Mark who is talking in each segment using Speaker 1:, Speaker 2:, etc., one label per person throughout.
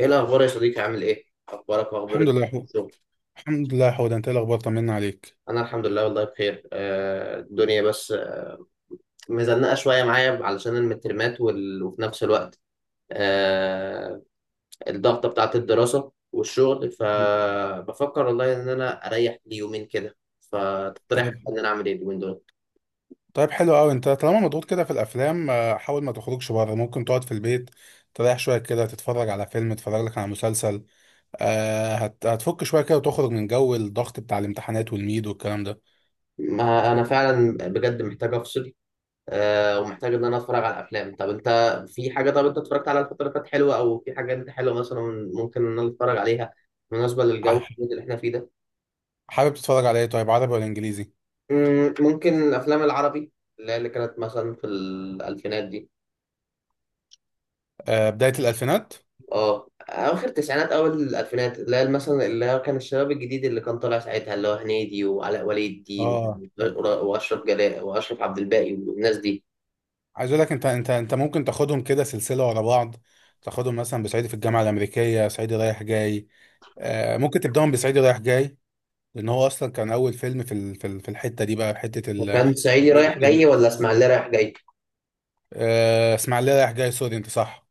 Speaker 1: ايه الاخبار يا صديقي، عامل ايه؟ اخبارك واخبار
Speaker 2: الحمد لله.
Speaker 1: الشغل؟
Speaker 2: الحمد لله حود، انت ايه الاخبار؟ طمنا عليك.
Speaker 1: انا الحمد لله والله بخير، الدنيا بس مزنقه شويه معايا علشان المترمات وفي نفس الوقت آه، الضغطه بتاعت الدراسه والشغل. فبفكر والله ان انا اريح لي يومين كده. فتقترح
Speaker 2: طيب،
Speaker 1: ان انا اعمل ايه اليومين دول؟
Speaker 2: طيب، حلو قوي. انت طالما مضغوط كده في الافلام، حاول ما تخرجش بره. ممكن تقعد في البيت تريح شويه كده، تتفرج على فيلم، تتفرج لك على مسلسل. هتفك شويه كده وتخرج من جو الضغط بتاع الامتحانات والميد والكلام ده.
Speaker 1: ما انا فعلا بجد محتاج افصل، ومحتاج ان انا اتفرج على افلام. طب انت في حاجه؟ طب انت اتفرجت على الفتره اللي فاتت حلوه، او في حاجه انت حلوه مثلا ممكن ان انا اتفرج عليها بالنسبه
Speaker 2: آه،
Speaker 1: للجو اللي احنا فيه ده؟
Speaker 2: حابب تتفرج على ايه؟ طيب، عربي ولا انجليزي؟
Speaker 1: ممكن الافلام العربي اللي هي اللي كانت مثلا في الالفينات دي.
Speaker 2: بدايه الالفينات.
Speaker 1: اه اخر التسعينات اول الالفينات، اللي هي مثلا اللي هو كان الشباب الجديد اللي كان طالع ساعتها، اللي هو هنيدي وعلاء ولي الدين
Speaker 2: اه،
Speaker 1: واشرف جلاء واشرف عبد الباقي والناس دي.
Speaker 2: عايز اقول لك، انت ممكن تاخدهم كده سلسله ورا بعض. تاخدهم مثلا بصعيدي في الجامعه الامريكيه، صعيدي رايح جاي. ممكن تبداهم بصعيدي رايح جاي. لان هو اصلا كان اول فيلم في الحته دي، بقى في حته ال
Speaker 1: كان صعيدي رايح جاي
Speaker 2: دي.
Speaker 1: ولا اسماعيليه رايح جاي؟
Speaker 2: اسماعيليه رايح جاي، سوري، انت صح.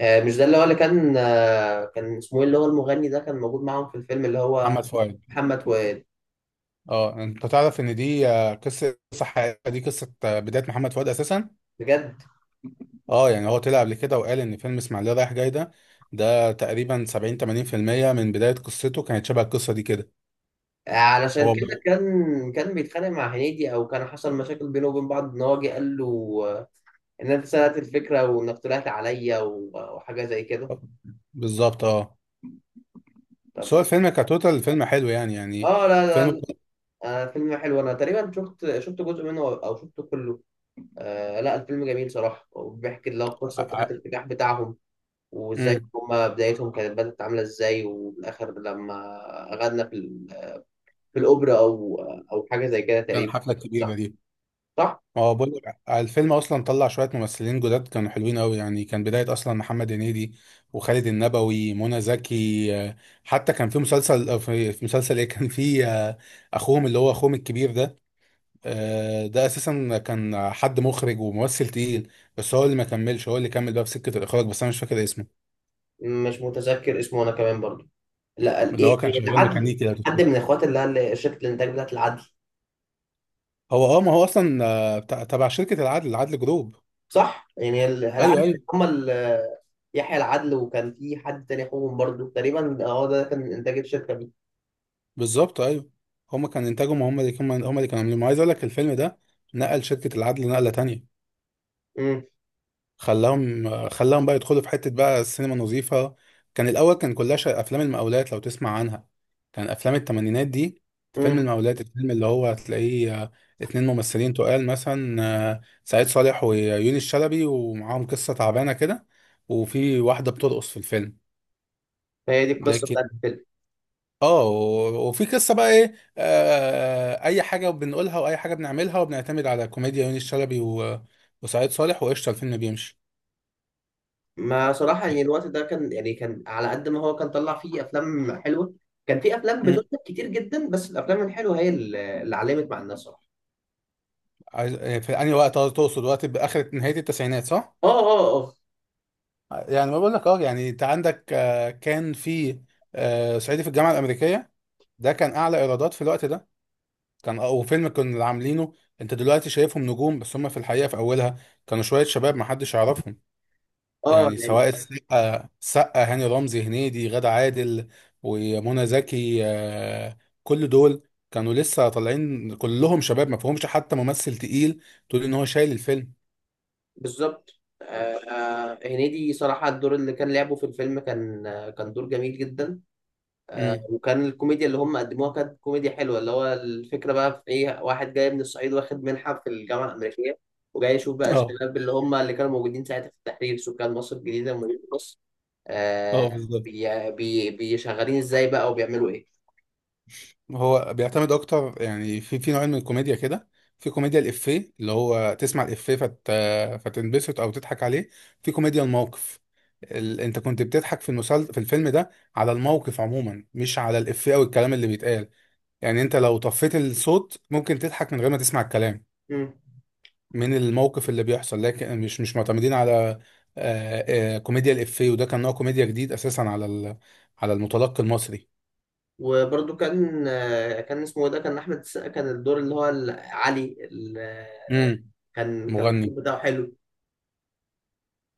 Speaker 1: مش ده اللي هو اللي كان، كان اسمه ايه اللي هو المغني ده كان موجود معاهم في الفيلم اللي هو؟
Speaker 2: محمد فؤاد.
Speaker 1: محمد فؤاد.
Speaker 2: اه، انت تعرف ان دي قصه صح. دي قصه، بدايه محمد فؤاد اساسا.
Speaker 1: بجد؟
Speaker 2: اه، يعني هو طلع قبل كده وقال ان فيلم اسماعيليه رايح جاي ده، ده تقريبا 70 80% من بدايه قصته كانت شبه القصه دي كده.
Speaker 1: علشان
Speaker 2: هو ب-
Speaker 1: كده كان بيتخانق مع هنيدي، او كان حصل مشاكل بينه وبين بعض ان هو جه قال له، آه، ان انت سرقت الفكره، وانك طلعت عليا، وحاجه زي كده.
Speaker 2: بالظبط، اه.
Speaker 1: طب،
Speaker 2: بس هو الفيلم كتوتال الفيلم حلو، يعني
Speaker 1: اه، لا لا
Speaker 2: الفيلم.
Speaker 1: لا. فيلم حلو، انا تقريبا شفت جزء منه او شفته كله. لا، الفيلم جميل صراحه، وبيحكي اللي هو
Speaker 2: ع-
Speaker 1: القصه بتاعت
Speaker 2: ع-
Speaker 1: النجاح بتاعهم، وازاي
Speaker 2: مم.
Speaker 1: هما بدايتهم كانت بدأت عاملة ازاي، وفي الآخر لما غنى في الأوبرا أو حاجة زي كده
Speaker 2: كان
Speaker 1: تقريبا.
Speaker 2: الحفله الكبيره
Speaker 1: صح.
Speaker 2: دي.
Speaker 1: صح.
Speaker 2: هو بقول لك، الفيلم اصلا طلع شويه ممثلين جداد كانوا حلوين قوي. يعني كان بدايه اصلا محمد هنيدي، وخالد النبوي، منى زكي. حتى كان في مسلسل، في مسلسل ايه كان في، اخوهم، اللي هو اخوهم الكبير ده. ده اساسا كان حد مخرج وممثل تقيل، بس هو اللي ما كملش. هو اللي كمل بقى في سكه الاخراج، بس انا مش فاكر اسمه.
Speaker 1: مش متذكر اسمه أنا كمان برضو. لا،
Speaker 2: اللي
Speaker 1: إيه،
Speaker 2: هو كان شغال
Speaker 1: العدل.
Speaker 2: ميكانيكي لو
Speaker 1: حد
Speaker 2: تفتكر.
Speaker 1: من إخوات شركة الإنتاج بتاعت العدل.
Speaker 2: هو اه، ما هو اصلا تبع شركه العدل جروب.
Speaker 1: صح، يعني
Speaker 2: ايوه،
Speaker 1: العدل،
Speaker 2: ايوه،
Speaker 1: هما يحيى العدل، وكان في حد تاني أخوهم برضو، تقريبا هو ده كان إنتاج الشركة دي.
Speaker 2: بالظبط، ايوه. هما كان انتاجهم. هما اللي كانوا عاملينه. عايز اقول لك، الفيلم ده نقل شركة العدل نقلة تانية.
Speaker 1: امم
Speaker 2: خلاهم بقى يدخلوا في حتة بقى السينما نظيفة. كان الاول كان كلها افلام المقاولات، لو تسمع عنها. كان افلام التمانينات دي. فيلم
Speaker 1: امم
Speaker 2: المقاولات، الفيلم اللي هو هتلاقيه، اتنين ممثلين تقال مثلا، سعيد صالح ويونس شلبي، ومعاهم قصة تعبانة كده، وفي واحدة بترقص في الفيلم.
Speaker 1: فهي دي القصة بتاعت
Speaker 2: لكن
Speaker 1: الفيلم.
Speaker 2: اه، وفي قصه بقى ايه. اي حاجه بنقولها، واي حاجه بنعملها، وبنعتمد على كوميديا يونس شلبي وسعيد صالح، وقشطه الفيلم بيمشي.
Speaker 1: ما صراحة يعني الوقت ده كان، يعني كان على قد ما هو كان طلع فيه أفلام حلوة، كان فيه أفلام
Speaker 2: مم.
Speaker 1: بتنتج كتير جدا، بس الأفلام الحلوة هي اللي علمت مع الناس صراحة.
Speaker 2: في انهي وقت؟ تقصد وقت باخر نهايه التسعينات صح؟
Speaker 1: آه آه آه
Speaker 2: يعني ما بقول لك، اه يعني انت عندك، كان في، صعيدي في الجامعه الامريكيه، ده كان اعلى ايرادات في الوقت ده. كان، وفيلم كنا عاملينه. انت دلوقتي شايفهم نجوم، بس هم في الحقيقه في اولها كانوا شويه شباب ما حدش يعرفهم. يعني
Speaker 1: يعني،
Speaker 2: سواء السقا، هاني رمزي، هنيدي، غادة عادل، ومنى زكي. كل دول كانوا لسه طالعين. كلهم شباب ما فيهمش حتى ممثل تقيل تقول ان هو شايل الفيلم.
Speaker 1: بالظبط. هنيدي صراحة الدور اللي كان لعبه في الفيلم كان، كان دور جميل جدا.
Speaker 2: امم،
Speaker 1: وكان الكوميديا اللي هم قدموها كانت كوميديا حلوه، اللي هو الفكره بقى في ايه؟ واحد جاي من الصعيد، واخد منحه في الجامعه الامريكيه، وجاي يشوف بقى
Speaker 2: اه،
Speaker 1: الشباب اللي هم اللي كانوا موجودين ساعتها في التحرير، سكان مصر الجديده ومدينه مصر،
Speaker 2: اه،
Speaker 1: آه
Speaker 2: بالظبط.
Speaker 1: بي بي بيشغلين ازاي بقى وبيعملوا ايه.
Speaker 2: هو بيعتمد اكتر، يعني في نوعين من الكوميديا كده. في كوميديا الافيه، اللي هو تسمع الافيه فتنبسط او تضحك عليه. في كوميديا الموقف، انت كنت بتضحك في في الفيلم ده على الموقف عموما، مش على الافيه او الكلام اللي بيتقال. يعني انت لو طفيت الصوت ممكن تضحك من غير ما تسمع الكلام،
Speaker 1: مم.
Speaker 2: من الموقف اللي بيحصل. لكن مش معتمدين على آه، كوميديا الإفيه. وده كان نوع كوميديا جديد أساسا على المتلقي المصري.
Speaker 1: وبرده كان، كان اسمه إيه ده، كان احمد السقا، كان الدور اللي هو علي
Speaker 2: امم.
Speaker 1: كان
Speaker 2: مغني.
Speaker 1: الدور بتاعه حلو.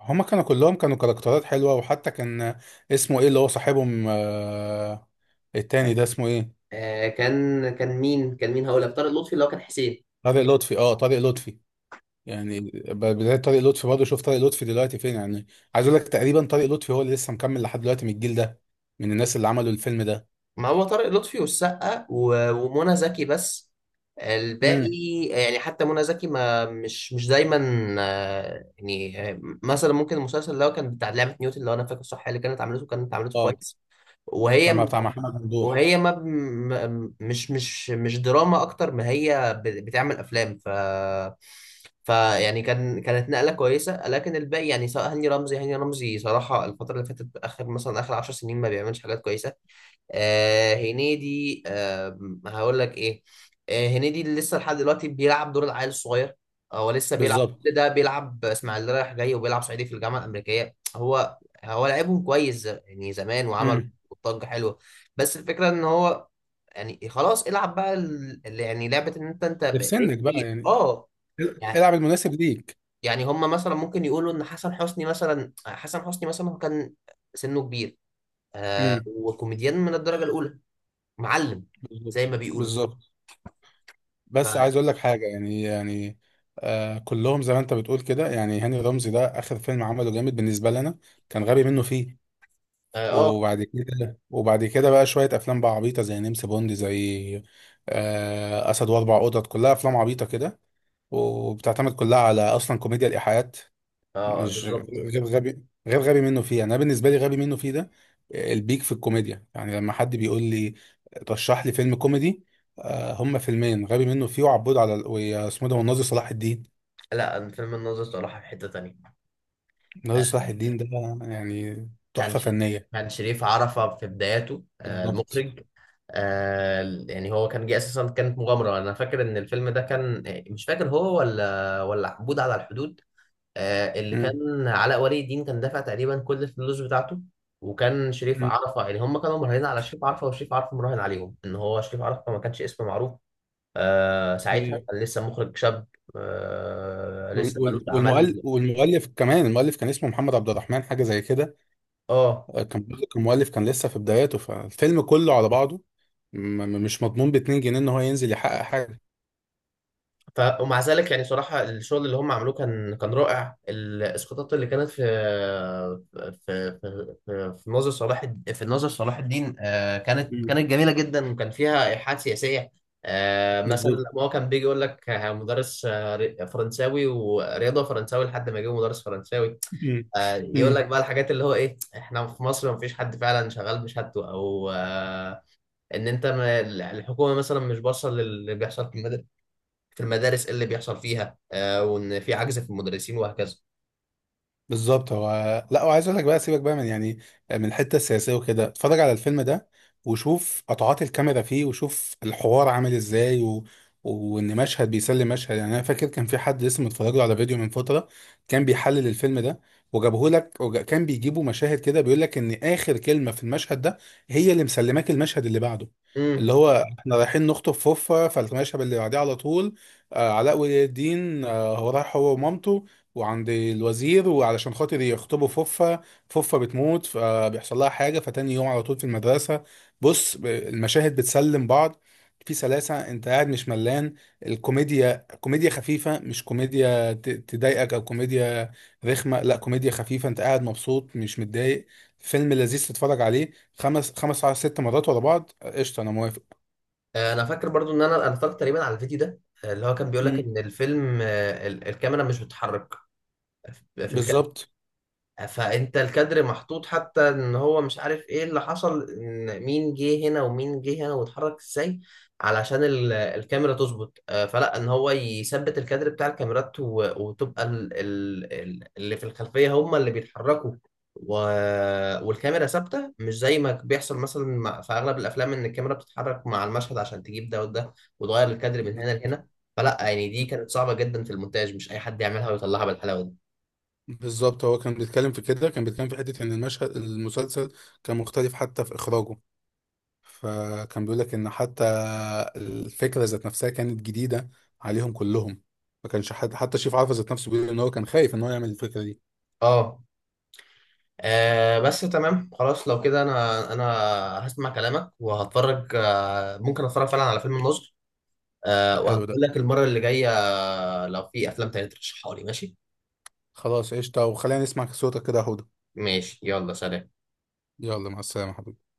Speaker 2: هما كانوا كلهم كانوا كاركترات حلوة. وحتى كان اسمه ايه، اللي هو صاحبهم، التاني ده اسمه ايه؟
Speaker 1: كان مين هقول لك؟ طارق لطفي اللي هو كان حسين.
Speaker 2: طارق لطفي. اه، طارق لطفي. يعني بداية طارق لطفي برضه. شوف طارق لطفي دلوقتي فين يعني. عايز اقول لك، تقريبا طارق لطفي هو اللي لسه مكمل لحد دلوقتي من الجيل ده، من الناس اللي عملوا الفيلم ده.
Speaker 1: ما هو طارق لطفي والسقا ومنى زكي بس، الباقي
Speaker 2: امم.
Speaker 1: يعني حتى منى زكي ما مش دايما. يعني مثلا ممكن المسلسل اللي هو كان بتاع لعبة نيوتن، لو انا فاكر صح، اللي كانت عملته
Speaker 2: اه،
Speaker 1: كويس.
Speaker 2: كان
Speaker 1: وهي
Speaker 2: مع بتاع محمد ممدوح.
Speaker 1: وهي ما مش دراما، اكتر ما هي بتعمل افلام، ف يعني كانت نقله كويسه. لكن الباقي يعني سواء هاني رمزي، هاني رمزي صراحه الفتره اللي فاتت اخر، مثلا اخر 10 سنين ما بيعملش حاجات كويسه. هنيدي، هقول لك ايه. هنيدي اللي لسه لحد دلوقتي بيلعب دور العيل الصغير. هو لسه بيلعب
Speaker 2: بالظبط.
Speaker 1: كل ده، بيلعب اسماعيليه رايح جاي وبيلعب صعيدي في الجامعه الامريكيه. هو لعبهم كويس، يعني زمان، وعمل
Speaker 2: امم.
Speaker 1: ضجه حلوه. بس الفكره ان هو، يعني خلاص العب بقى، يعني لعبه ان انت،
Speaker 2: ده في
Speaker 1: بقيت
Speaker 2: سنك بقى
Speaker 1: كبير،
Speaker 2: يعني.
Speaker 1: اه. يعني
Speaker 2: العب المناسب ليك.
Speaker 1: يعني هم مثلا ممكن يقولوا ان حسن حسني مثلا، حسن حسني مثلا هو كان سنه كبير،
Speaker 2: امم،
Speaker 1: وكوميديان من الدرجه الاولى، معلم
Speaker 2: بالظبط،
Speaker 1: زي ما بيقولوا.
Speaker 2: بالظبط.
Speaker 1: ف
Speaker 2: بس
Speaker 1: اه
Speaker 2: عايز اقول لك حاجه، يعني كلهم زي ما انت بتقول كده. يعني هاني رمزي، ده اخر فيلم عمله جامد بالنسبه لنا كان غبي منه فيه.
Speaker 1: اه
Speaker 2: وبعد كده بقى شويه افلام بقى عبيطه، زي نمس بوند، زي اسد واربع قطط. كلها افلام عبيطه كده، وبتعتمد كلها على اصلا كوميديا الايحاءات. مش
Speaker 1: بالظبط.
Speaker 2: غير غبي منه فيه. يعني انا بالنسبه لي غبي منه فيه ده، البيك في الكوميديا. يعني لما حد بيقول لي رشح لي فيلم كوميدي، هما فيلمين، غبي منه فيه، وعبود على ويا اسمه ده، والناظر صلاح الدين.
Speaker 1: لا أنا فيلم الناظر صراحه في حته تانية.
Speaker 2: الناظر
Speaker 1: آه،
Speaker 2: صلاح الدين ده يعني
Speaker 1: كان
Speaker 2: تحفه
Speaker 1: ش...
Speaker 2: فنيه.
Speaker 1: كان شريف عرفة في بداياته،
Speaker 2: بالظبط.
Speaker 1: المخرج. يعني هو كان جه اساسا، كانت مغامره. انا فاكر ان الفيلم ده كان، مش فاكر هو ولا عبود على الحدود، اللي
Speaker 2: مم.
Speaker 1: كان علاء ولي الدين كان دافع تقريبا كل الفلوس بتاعته. وكان شريف
Speaker 2: مم.
Speaker 1: عرفة، يعني هم كانوا مراهنين على شريف عرفة، وشريف عرفة مراهن عليهم، ان هو شريف عرفة ما كانش اسم معروف. ساعتها
Speaker 2: وال-
Speaker 1: كان لسه مخرج شاب، لسه ملوش اعمال.
Speaker 2: والمؤلف كمان، المؤلف كان اسمه محمد عبد الرحمن حاجه زي كده.
Speaker 1: اه،
Speaker 2: كان برضه كان مؤلف كان لسه في بداياته. فالفيلم كله على بعضه مش مضمون ب 2 جنيه ان هو ينزل يحقق حاجه.
Speaker 1: ومع ذلك يعني صراحه الشغل اللي هم عملوه كان رائع. الاسقاطات اللي كانت في في في في ناظر صلاح الدين، كانت جميله جدا، وكان فيها ايحاءات سياسيه. مثلا
Speaker 2: بالظبط.
Speaker 1: لما هو كان بيجي يقول لك، مدرس فرنساوي ورياضه فرنساوي، لحد ما جه مدرس فرنساوي،
Speaker 2: مم.
Speaker 1: يقول
Speaker 2: مم.
Speaker 1: لك بقى الحاجات اللي هو ايه. احنا في مصر مفيش حد فعلا شغال بشهادته، او ان انت ما- الحكومه مثلا مش باصه للي بيحصل في المدارس، في المدارس إيه اللي بيحصل فيها، وان في عجز في المدرسين وهكذا.
Speaker 2: بالظبط. هو لا، وعايز اقول لك بقى، سيبك بقى من يعني من الحته السياسيه وكده. اتفرج على الفيلم ده، وشوف قطعات الكاميرا فيه، وشوف الحوار عامل ازاي، وان مشهد بيسلم مشهد. يعني انا فاكر كان في حد لسه متفرج له على فيديو من فتره كان بيحلل الفيلم ده، وجابه لك، وكان بيجيبوا مشاهد كده، بيقول لك ان اخر كلمه في المشهد ده هي اللي مسلماك المشهد اللي بعده.
Speaker 1: امم
Speaker 2: اللي هو احنا رايحين نخطب فوفا، فالمشهد اللي بعديه على طول علاء ولي الدين، هو رايح، هو ومامته، وعند الوزير، وعلشان خاطر يخطبوا فوفا، فوفا بتموت، فبيحصل لها حاجة، فتاني يوم على طول في المدرسة. بص، المشاهد بتسلم بعض في سلاسة. انت قاعد مش ملان. الكوميديا كوميديا خفيفة، مش كوميديا تضايقك او كوميديا رخمة. لا، كوميديا خفيفة، انت قاعد مبسوط مش متضايق. فيلم لذيذ تتفرج عليه خمس خمس على ست مرات ورا بعض. قشطة، انا موافق.
Speaker 1: انا فاكر برضو ان انا اتفرجت تقريبا على الفيديو ده، اللي هو كان بيقول لك
Speaker 2: مم.
Speaker 1: ان الفيلم، الكاميرا مش بتتحرك. في الكاميرا.
Speaker 2: بالظبط،
Speaker 1: فانت الكادر محطوط، حتى ان هو مش عارف ايه اللي حصل، ان مين جه هنا ومين جه هنا واتحرك ازاي علشان الكاميرا تظبط، فلا، ان هو يثبت الكادر بتاع الكاميرات، وتبقى اللي في الخلفية هم اللي بيتحركوا، و... والكاميرا ثابتة، مش زي ما بيحصل مثلا في اغلب الافلام، ان الكاميرا بتتحرك مع المشهد عشان تجيب ده وده، وتغير الكادر من هنا لهنا. فلا يعني دي كانت صعبة جدا في المونتاج، مش اي حد يعملها ويطلعها بالحلاوة دي.
Speaker 2: بالظبط. هو كان بيتكلم في كده، كان بيتكلم في حتة إن المشهد المسلسل كان مختلف حتى في إخراجه. فكان بيقول لك إن حتى الفكرة ذات نفسها كانت جديدة عليهم كلهم. ما كانش حد حتى شريف عرفة ذات نفسه بيقول إن هو كان خايف إن هو يعمل الفكرة دي.
Speaker 1: اه. بس تمام خلاص، لو كده انا هسمع كلامك وهتفرج. ممكن اتفرج فعلا على فيلم النصر،
Speaker 2: حلو ده.
Speaker 1: وهقول لك المره اللي جايه، لو في افلام تانية ترشحها لي. ماشي.
Speaker 2: خلاص، قشطة، وخلينا نسمع صوتك كده يا هدى.
Speaker 1: ماشي، يلا، سلام.
Speaker 2: يلا، مع السلامة حبيبي.